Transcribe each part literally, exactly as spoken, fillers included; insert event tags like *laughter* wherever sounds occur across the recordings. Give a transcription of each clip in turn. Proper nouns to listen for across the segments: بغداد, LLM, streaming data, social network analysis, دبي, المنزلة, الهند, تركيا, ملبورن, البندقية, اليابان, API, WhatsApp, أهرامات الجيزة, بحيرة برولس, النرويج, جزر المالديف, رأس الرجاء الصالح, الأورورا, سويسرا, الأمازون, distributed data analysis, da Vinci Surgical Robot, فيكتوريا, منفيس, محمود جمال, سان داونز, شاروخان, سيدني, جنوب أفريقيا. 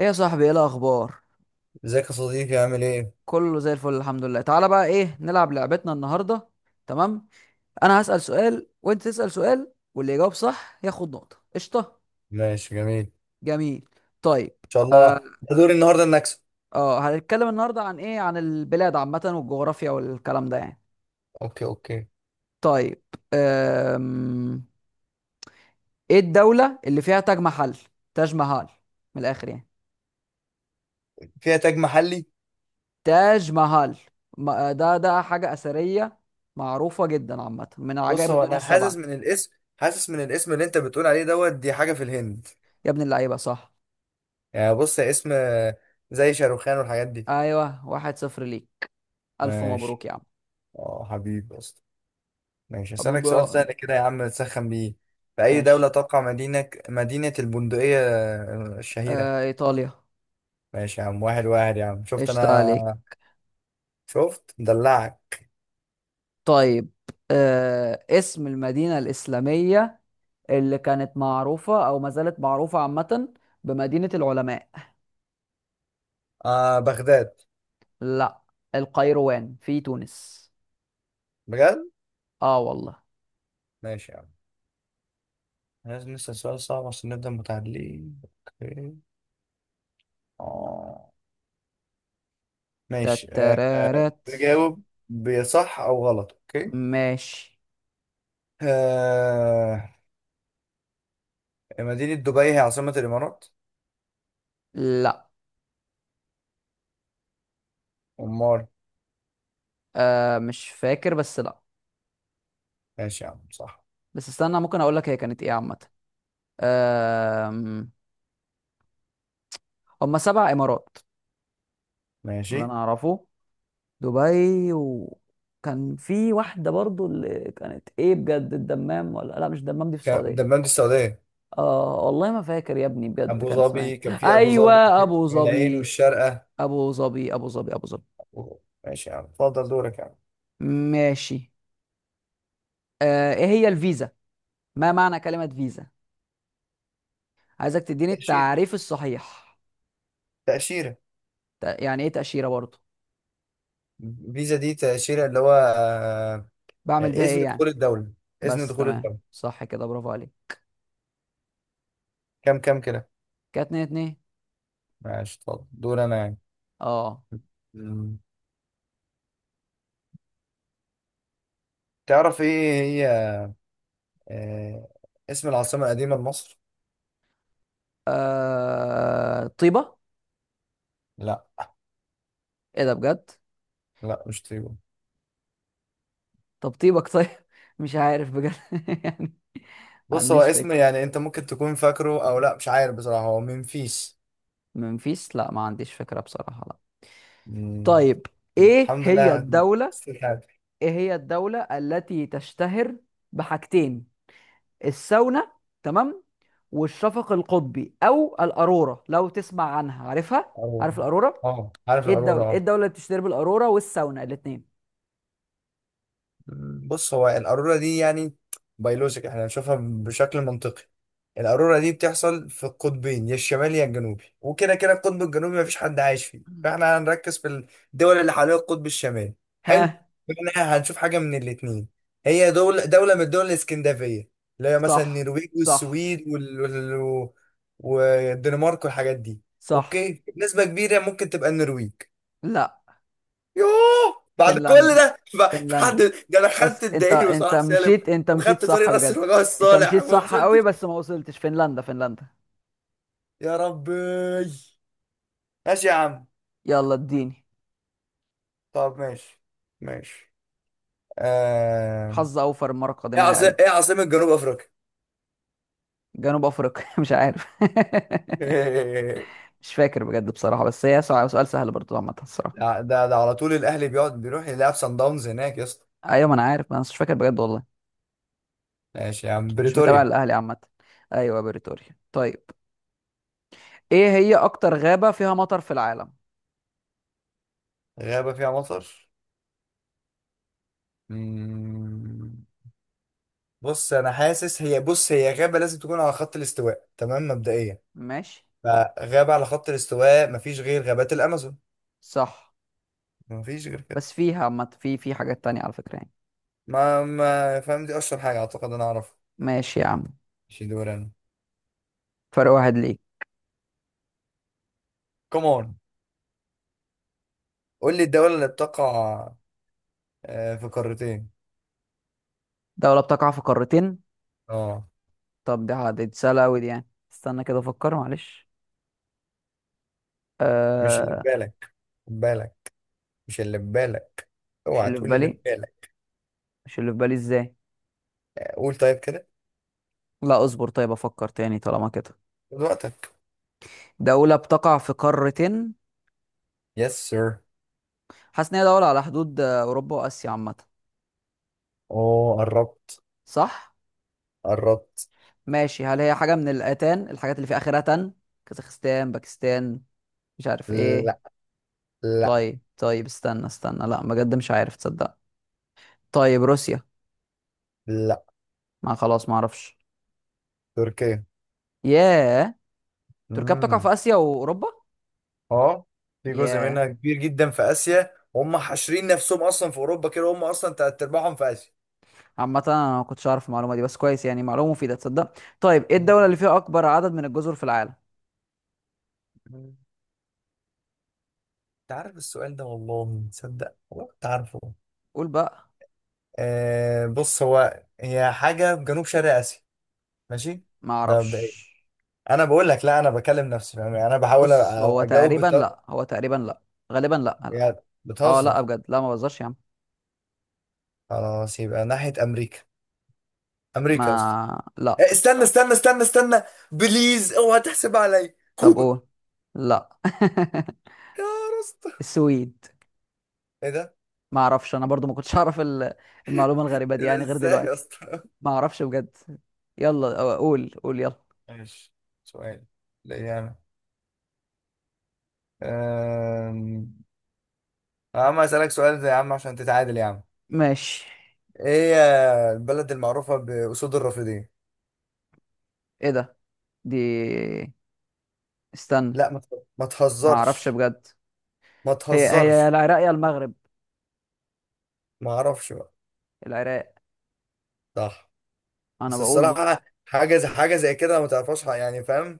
ايه يا صاحبي، ايه الاخبار؟ ازيك يا صديقي، عامل ايه؟ كله زي الفل الحمد لله تعالى. بقى ايه نلعب لعبتنا النهارده؟ تمام. انا هسأل سؤال وانت تسأل سؤال واللي يجاوب صح ياخد نقطة. قشطة. ماشي جميل ان جميل. طيب. شاء اه. الله. ده دوري النهارده اني اكسب. آه، هنتكلم النهارده عن ايه؟ عن البلاد عامة والجغرافيا والكلام ده يعني. اوكي اوكي. طيب. أم... ايه الدولة اللي فيها تاج محل؟ تاج محل. من الاخر يعني. فيها تاج محلي. تاج محل. ما- ده ده حاجة أثرية معروفة جدا عامة، من بص عجائب هو الدنيا انا حاسس السبعة. من الاسم، حاسس من الاسم اللي انت بتقول عليه دوت، دي حاجه في الهند. يا ابن اللعيبة صح. يعني بص، يا اسم آه، زي شاروخان والحاجات دي. ايوه، واحد صفر ليك. الف ماشي، مبروك يا عم. اه حبيبي اصلا. ماشي، هسألك حبيبي. سؤال سهل كده يا عم تسخن بيه. في اي دوله ماشي. تقع مدينه مدينه البندقيه آه، الشهيره؟ آه ايطاليا. ماشي يا عم، واحد واحد يا عم، شفت قشطة عليك. انا؟ شفت مدلعك. طيب. آه اسم المدينة الإسلامية اللي كانت معروفة او ما زالت معروفة عامة بمدينة العلماء. آه بغداد. لا، القيروان في تونس. بجد؟ اه والله. ماشي يا عم. لازم نسأل سؤال صعب عشان نبدأ متعادلين. اوكي. اه ماشي. آه، آه، تترارت. تجاوب بصح او غلط، اوكي؟ ماشي. آه، مدينة دبي هي عاصمة الامارات. لا. امال؟ آه مش فاكر بس لا. ماشي يا عم، صح. بس استنى ممكن اقول لك هي كانت ايه عامة. آه، هم سبع امارات اللي انا ماشي. اعرفه. دبي، وكان في واحدة برضو اللي كانت ايه بجد، الدمام؟ ولا لا، مش الدمام، دي في كان- السعودية. دمامة السعودية. اه والله ما فاكر يا ابني بجد ابو كان اسمها ظبي، كان ايه. في ابو ايوه ظبي، ابو العين ظبي. والشارقة. ابو ظبي، ابو ظبي، ابو ظبي. ماشي يا عم، اتفضل دورك يا عم. ماشي. آه ايه هي الفيزا؟ ما معنى كلمة فيزا؟ عايزك تديني تأشيرة. التعريف الصحيح. تأشيرة. ت- يعني ايه تأشيرة برضو؟ فيزا دي تأشيرة، اللي هو آه، آه، بعمل بيها ايه إذن يعني؟ دخول الدولة. إذن بس دخول تمام. الدولة. صح كده، برافو عليك. كام كام كده؟ كانت اتنين اتنين. ماشي، طب دور انا يعني. اه. مم. تعرف ايه هي آه اسم العاصمة القديمة لمصر؟ آه، طيبة. لا. ايه ده بجد؟ لا مش تريبو. طب طيبك طيب. *laughs* مش عارف بجد. *laughs* يعني. ما بص هو عنديش اسم، فكرة. يعني انت ممكن تكون فاكره او لا، مش عارف بصراحة، هو منفيس. منفيس؟ لا ما عنديش فكرة بصراحة، لا. مم. طيب. ايه الحمد هي لله. الدولة استيكات. ايه هي الدولة التي تشتهر بحاجتين؟ الساونا، تمام، والشفق القطبي او الأرورا. لو تسمع عنها، عارفها؟ اه. عارف الأرورا؟ آه، عارف ايه الأرورا، الدولة ايه اه. الدولة اللي بتشتهر بالأرورا والساونا الاتنين؟ بص هو القارورة دي يعني بيولوجيك، احنا بنشوفها بشكل منطقي. القارورة دي بتحصل في القطبين، يا الشمالي يا الجنوبي، وكده كده القطب الجنوبي مفيش حد عايش فيه، مم. فاحنا هنركز في الدول اللي حوالين القطب الشمالي. حلو. ها. احنا هنشوف حاجة من الاتنين. هي دولة، دولة من الدول الاسكندنافية، اللي هي مثلا صح، النرويج صح، والسويد وال... وال... والدنمارك والحاجات دي. صح. اوكي، نسبة كبيرة ممكن تبقى النرويج. لا. يوه، بعد كل فنلندا، ده ف- في حد؟ فنلندا. ده انا بس خدت انت، الدائري انت وصلاح سالم مشيت، انت مشيت وخدت طريق صح راس بجد. الرجاء انت الصالح مشيت وما صح وصلتش. قوي بس ما وصلتش. فنلندا، فنلندا. يا ربي. ماشي يا عم. يلا اديني. طب ماشي ماشي. آه... حظ اوفر المره ايه القادمه يا عاصم قلبي. ايه عاصمة جنوب افريقيا؟ جنوب افريقيا. *laughs* مش عارف. *laughs* *laughs* مش فاكر بجد بصراحه، بس هي سؤال سؤال سهل برضو عامه الصراحه. ده ده ده على طول الاهلي بيقعد بيروح يلعب سان داونز هناك يا اسطى. ايوه ما انا عارف، ما انا مش فاكر بجد والله. ماشي يا عم، مش متابع بريتوريا. الاهلي عامه. ايوه بريتوريا. طيب، ايه هي اكتر غابه فيها مطر في العالم؟ غابة فيها مطر؟ مم. بص انا حاسس هي، بص هي غابة لازم تكون على خط الاستواء، تمام، مبدئيا. ماشي. فغابة على خط الاستواء مفيش غير غابات الأمازون. صح. مفيش غير كده. بس فيها عامه، في، في حاجات تانية على فكره يعني. ما ما فاهم، دي أشهر حاجة أعتقد أنا أعرفها. ماشي يا عم. مش دور أنا؟ فرق واحد ليك. كمان. قول لي الدولة اللي بتقع آه، في قارتين. دولة بتقع في قارتين. اه. طب دي ح- دي سهلة أوي دي يعني. استنى كده أفكر معلش. مش اللي في آه. بالك. خد بالك. مش اللي في بالك. مش اوعى اللي في تقول اللي في بالي. بالك. مش اللي في بالي إزاي؟ قول طيب كده. لا اصبر طيب، أفكر تاني طالما كده. خد وقتك. دولة بتقع في قارتين. يس سير. حاسس إن هي دولة على حدود آه، أوروبا وآسيا عامة. اوه قربت. صح؟ قربت. ماشي. هل هي حاجة من الآتان، الحاجات اللي في آخرها تن؟ كازاخستان، باكستان، مش عارف إيه. لا، لا، طيب طيب استنى استنى، لا بجد مش عارف تصدق. طيب روسيا. لا. ما خلاص ما أعرفش. تركيا. ياه. تركيا بتقع مم. في آسيا وأوروبا؟ اه، في جزء ياه. منها كبير جدا في اسيا، وهم حاشرين نفسهم اصلا في اوروبا كده، هم اصلا تلات ارباعهم في اسيا. عامة انا ما كنتش اعرف المعلومة دي، بس كويس يعني معلومة مفيدة تصدق. طيب، ايه مم. الدولة اللي فيها اكبر عدد من الجزر في العالم؟ انت عارف السؤال ده والله، تصدق والله كنت عارفه. قول بقى. آه بص هو، هي حاجه في جنوب شرق اسيا. ماشي. ما ده مبدئيا. اعرفش. انا بقول لك، لا انا بكلم نفسي، فاهم؟ يعني انا بحاول بص أ- هو اجاوب تقريبا بت... لا، هو تقريبا لا. غالبا لا، لا. يعني. اه لا بتهزر. بجد لا، ما بهزرش يا عم. خلاص يبقى ناحيه امريكا. ما امريكا يا اسطى. لا. آه، استنى استنى استنى استنى. بليز اوعى تحسب عليا طب كوبا. قول. لا. يا راستا. *laughs* السويد. ايه ده؟ ما اعرفش انا برضو، ما كنتش *laughs* اعرف ال- المعلومة الغريبة دي إيه ده يعني غير ازاي يا دلوقتي. اسطى؟ ما اعرفش بجد. يلا أو- قول، قول يلا. ماشي. سؤال ليا انا. أم... يا عم اسالك سؤال زي يا عم عشان تتعادل يا عم. ماشي. ايه هي البلد المعروفه باسود الرافدين؟ ايه ده؟ دي، استنى. لا ما تهز- ما ما اعرفش تهزرش. بجد. ما هي هي تهزرش. العراق يا المغرب. ما اعرفش بقى. العراق. صح. انا بس بقول بقى. الصراحه، حاجه زي حاجه زي كده ما تعرفهاش حق- يعني، فاهم؟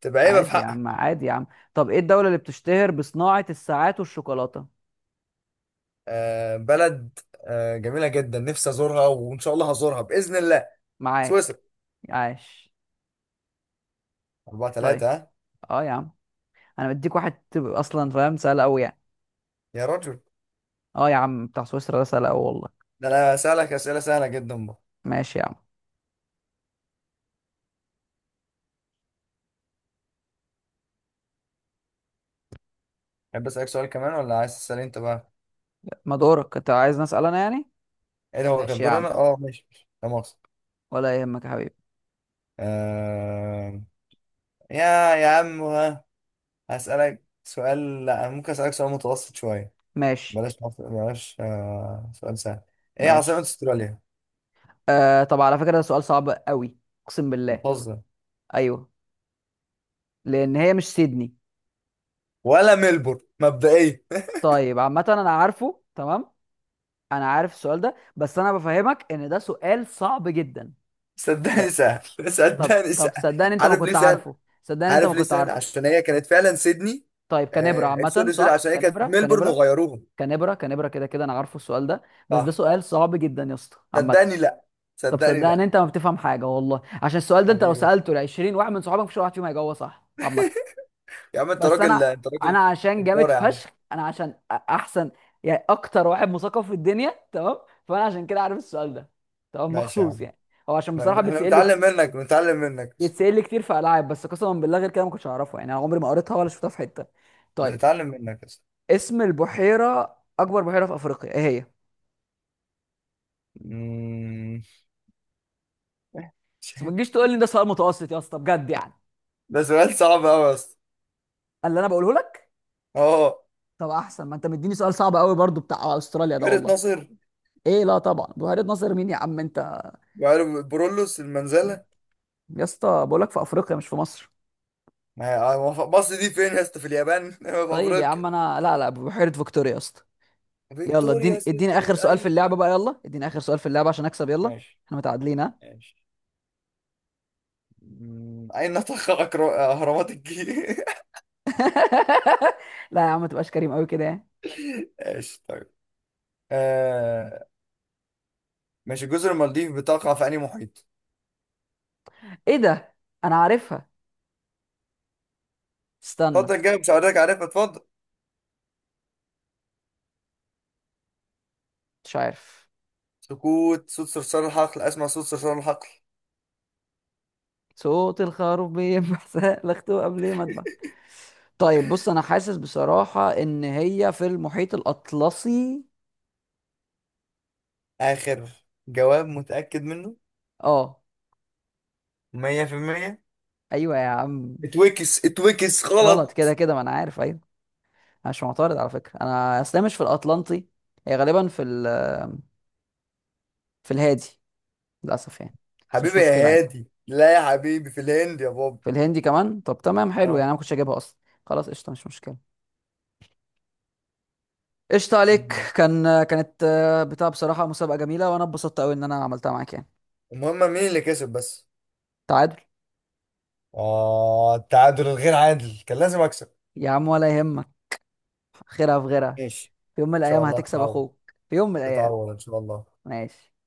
تبقى عيبه في عادي يا عم، حقك. عادي يا عم. طب ايه الدولة اللي بتشتهر بصناعة الساعات والشوكولاتة؟ أه بلد. أه جميله جدا، نفسي ازورها وان شاء الله هزورها باذن الله. معاك. سويسرا. عاش. 4 طيب. 3 ها. اه يا عم، انا بديك واحد تبقى اصلا فاهم، سهل قوي يعني. يا رجل. اه يا عم بتاع سويسرا ده سهل قوي والله. ده انا اسالك اسئله سهله جدا. ماشي يا عم. تحب اسالك سؤال كمان ولا عايز تسال انت بقى؟ ما دورك انت، عايز نسأل انا يعني؟ ايه ده، هو كان ماشي يا دور عم انا؟ اه ماشي ماشي. لا مؤاخذه. ولا يهمك يا حبيبي. آه... يا يا عم، ها. هسالك سؤال، لا ممكن اسالك سؤال متوسط شويه. ماشي بلاش مصر- بلاش آه... سؤال سهل. ايه عاصمه ماشي. استراليا؟ آه. طب على فكرة ده سؤال صعب قوي، اقسم بالله. بتهزر. ايوه. لان هي مش سيدني. ولا ملبورن مبدئيا. *laughs* طيب عامة انا عارفه تمام، انا عارف السؤال ده، بس انا بفهمك ان ده سؤال صعب جدا. صدقني لا. سهل، طب صدقني طب سهل. صدقني انت ما عارف ليه كنت سهل؟ عارفه. صدقني انت ما عارف ليه كنت سهل؟ عارفه. عشان هي كانت فعلا سيدني. طيب كنبرة آه... عامة، سوري سوري، صح. عشان هي كانت كنبرة ملبورن كنبرة وغيروهم. كنبرة كنبرة كده كده انا عارفه السؤال ده بس ده صح. سؤال صعب جدا يا اسطى عامة. صدقني لا. طب صدقني صدقني لا. انت ما بتفهم حاجة والله، عشان السؤال ده انت لو حبيبي. سألته ل عشرين واحد من صحابك مفيش ولا واحد فيهم هيجاوبه صح عامة. يا عم انت بس راجل، انا، انت انا راجل عشان جامد جبار يا عم. فشخ، انا عشان أ- احسن يعني اكتر واحد مثقف في الدنيا، تمام. فانا عشان كده عارف السؤال ده، تمام، ماشي يا مخصوص عم. يعني. هو عشان ما- ب- بصراحه احنا بيتسال لي بنتعلم كت- منك، بنتعلم منك. بيتسال لي كتير في العاب، بس قسما بالله غير كده ما كنتش اعرفه يعني، انا عمري ما قريتها ولا شفتها في حته. طيب، بنتعلم منك يا اسطى. اسم البحيره، اكبر بحيره في افريقيا، ايه هي؟ أمم. بس ما تجيش *laughs* تقول لي ده سؤال متوسط يا اسطى بجد يعني. ده سؤال صعب قوي يا اسطى. اللي انا بقوله لك. اه، طب احسن، ما انت مديني سؤال صعب قوي برضو بتاع استراليا ده بحيرة والله. ناصر. ايه؟ لا طبعا بحيره ناصر مين يا عم انت! بحيرة برولوس، المنزلة. يا اسطى بقول لك في افريقيا مش في مصر. ما هي- مصر دي فين يا اسطى، في اليابان؟ *laughs* في طيب يا افريقيا. عم. انا لا لا، بحيرة فيكتوريا يا اسطى. يلا فيكتوريا اديني، اديني اخر سيكريت، سؤال في اللعبة ايوه. بقى. يلا اديني اخر سؤال في اللعبة عشان اكسب يلا. ماشي. احنا متعادلين ها. ماشي. أمم. اين تقع أكرو- اهرامات الجيزة؟ *laughs* لا يا عم ما تبقاش كريم قوي كده يعني. *laughs* ماشي طيب. آه... ماشي، جزر المالديف بتقع في انهي محيط؟ ايه ده؟ انا عارفها، استنى. اتفضل جاوب، مش هوريك عارفها، اتفضل. مش عارف. سكوت، صوت صرصار الحقل، اسمع صوت صرصار الحقل. صوت الخروف بينبح سلخته *laughs* قبل ما اذبح. طيب بص انا حاسس بصراحة ان هي في المحيط الاطلسي. اخر جواب متأكد منه اه. مية في المية؟ ايوه يا عم. اتوكس اتوكس غلط، كده غلط. كده ما انا عارف ايوه. أنا مش معترض على فكرة، انا اصلا مش في الاطلنطي، هي غالبا في ال، في الهادي، للاسف يعني. بس مش حبيبي يا مشكله عادي. هادي، لا يا حبيبي، في الهند يا بابا. في الهندي كمان؟ طب تمام حلو، يعني اه. انا ما كنتش هجيبها اصلا. خلاص قشطه مش مشكله. قشطه عليك، مم. كان، كانت آه، بتاع بصراحه مسابقه جميله، وانا اتبسطت قوي ان انا عملتها معاك يعني. المهم مين اللي كسب بس؟ تعادل. اه، التعادل الغير عادل، كان لازم اكسب. يا عم ولا يهمك، خيرها في غيرها. ان ماشي. في يوم من ان شاء الايام الله هتكسب تتعوض. اخوك، في يوم من الايام. تتعوض ان شاء الله. ماشي.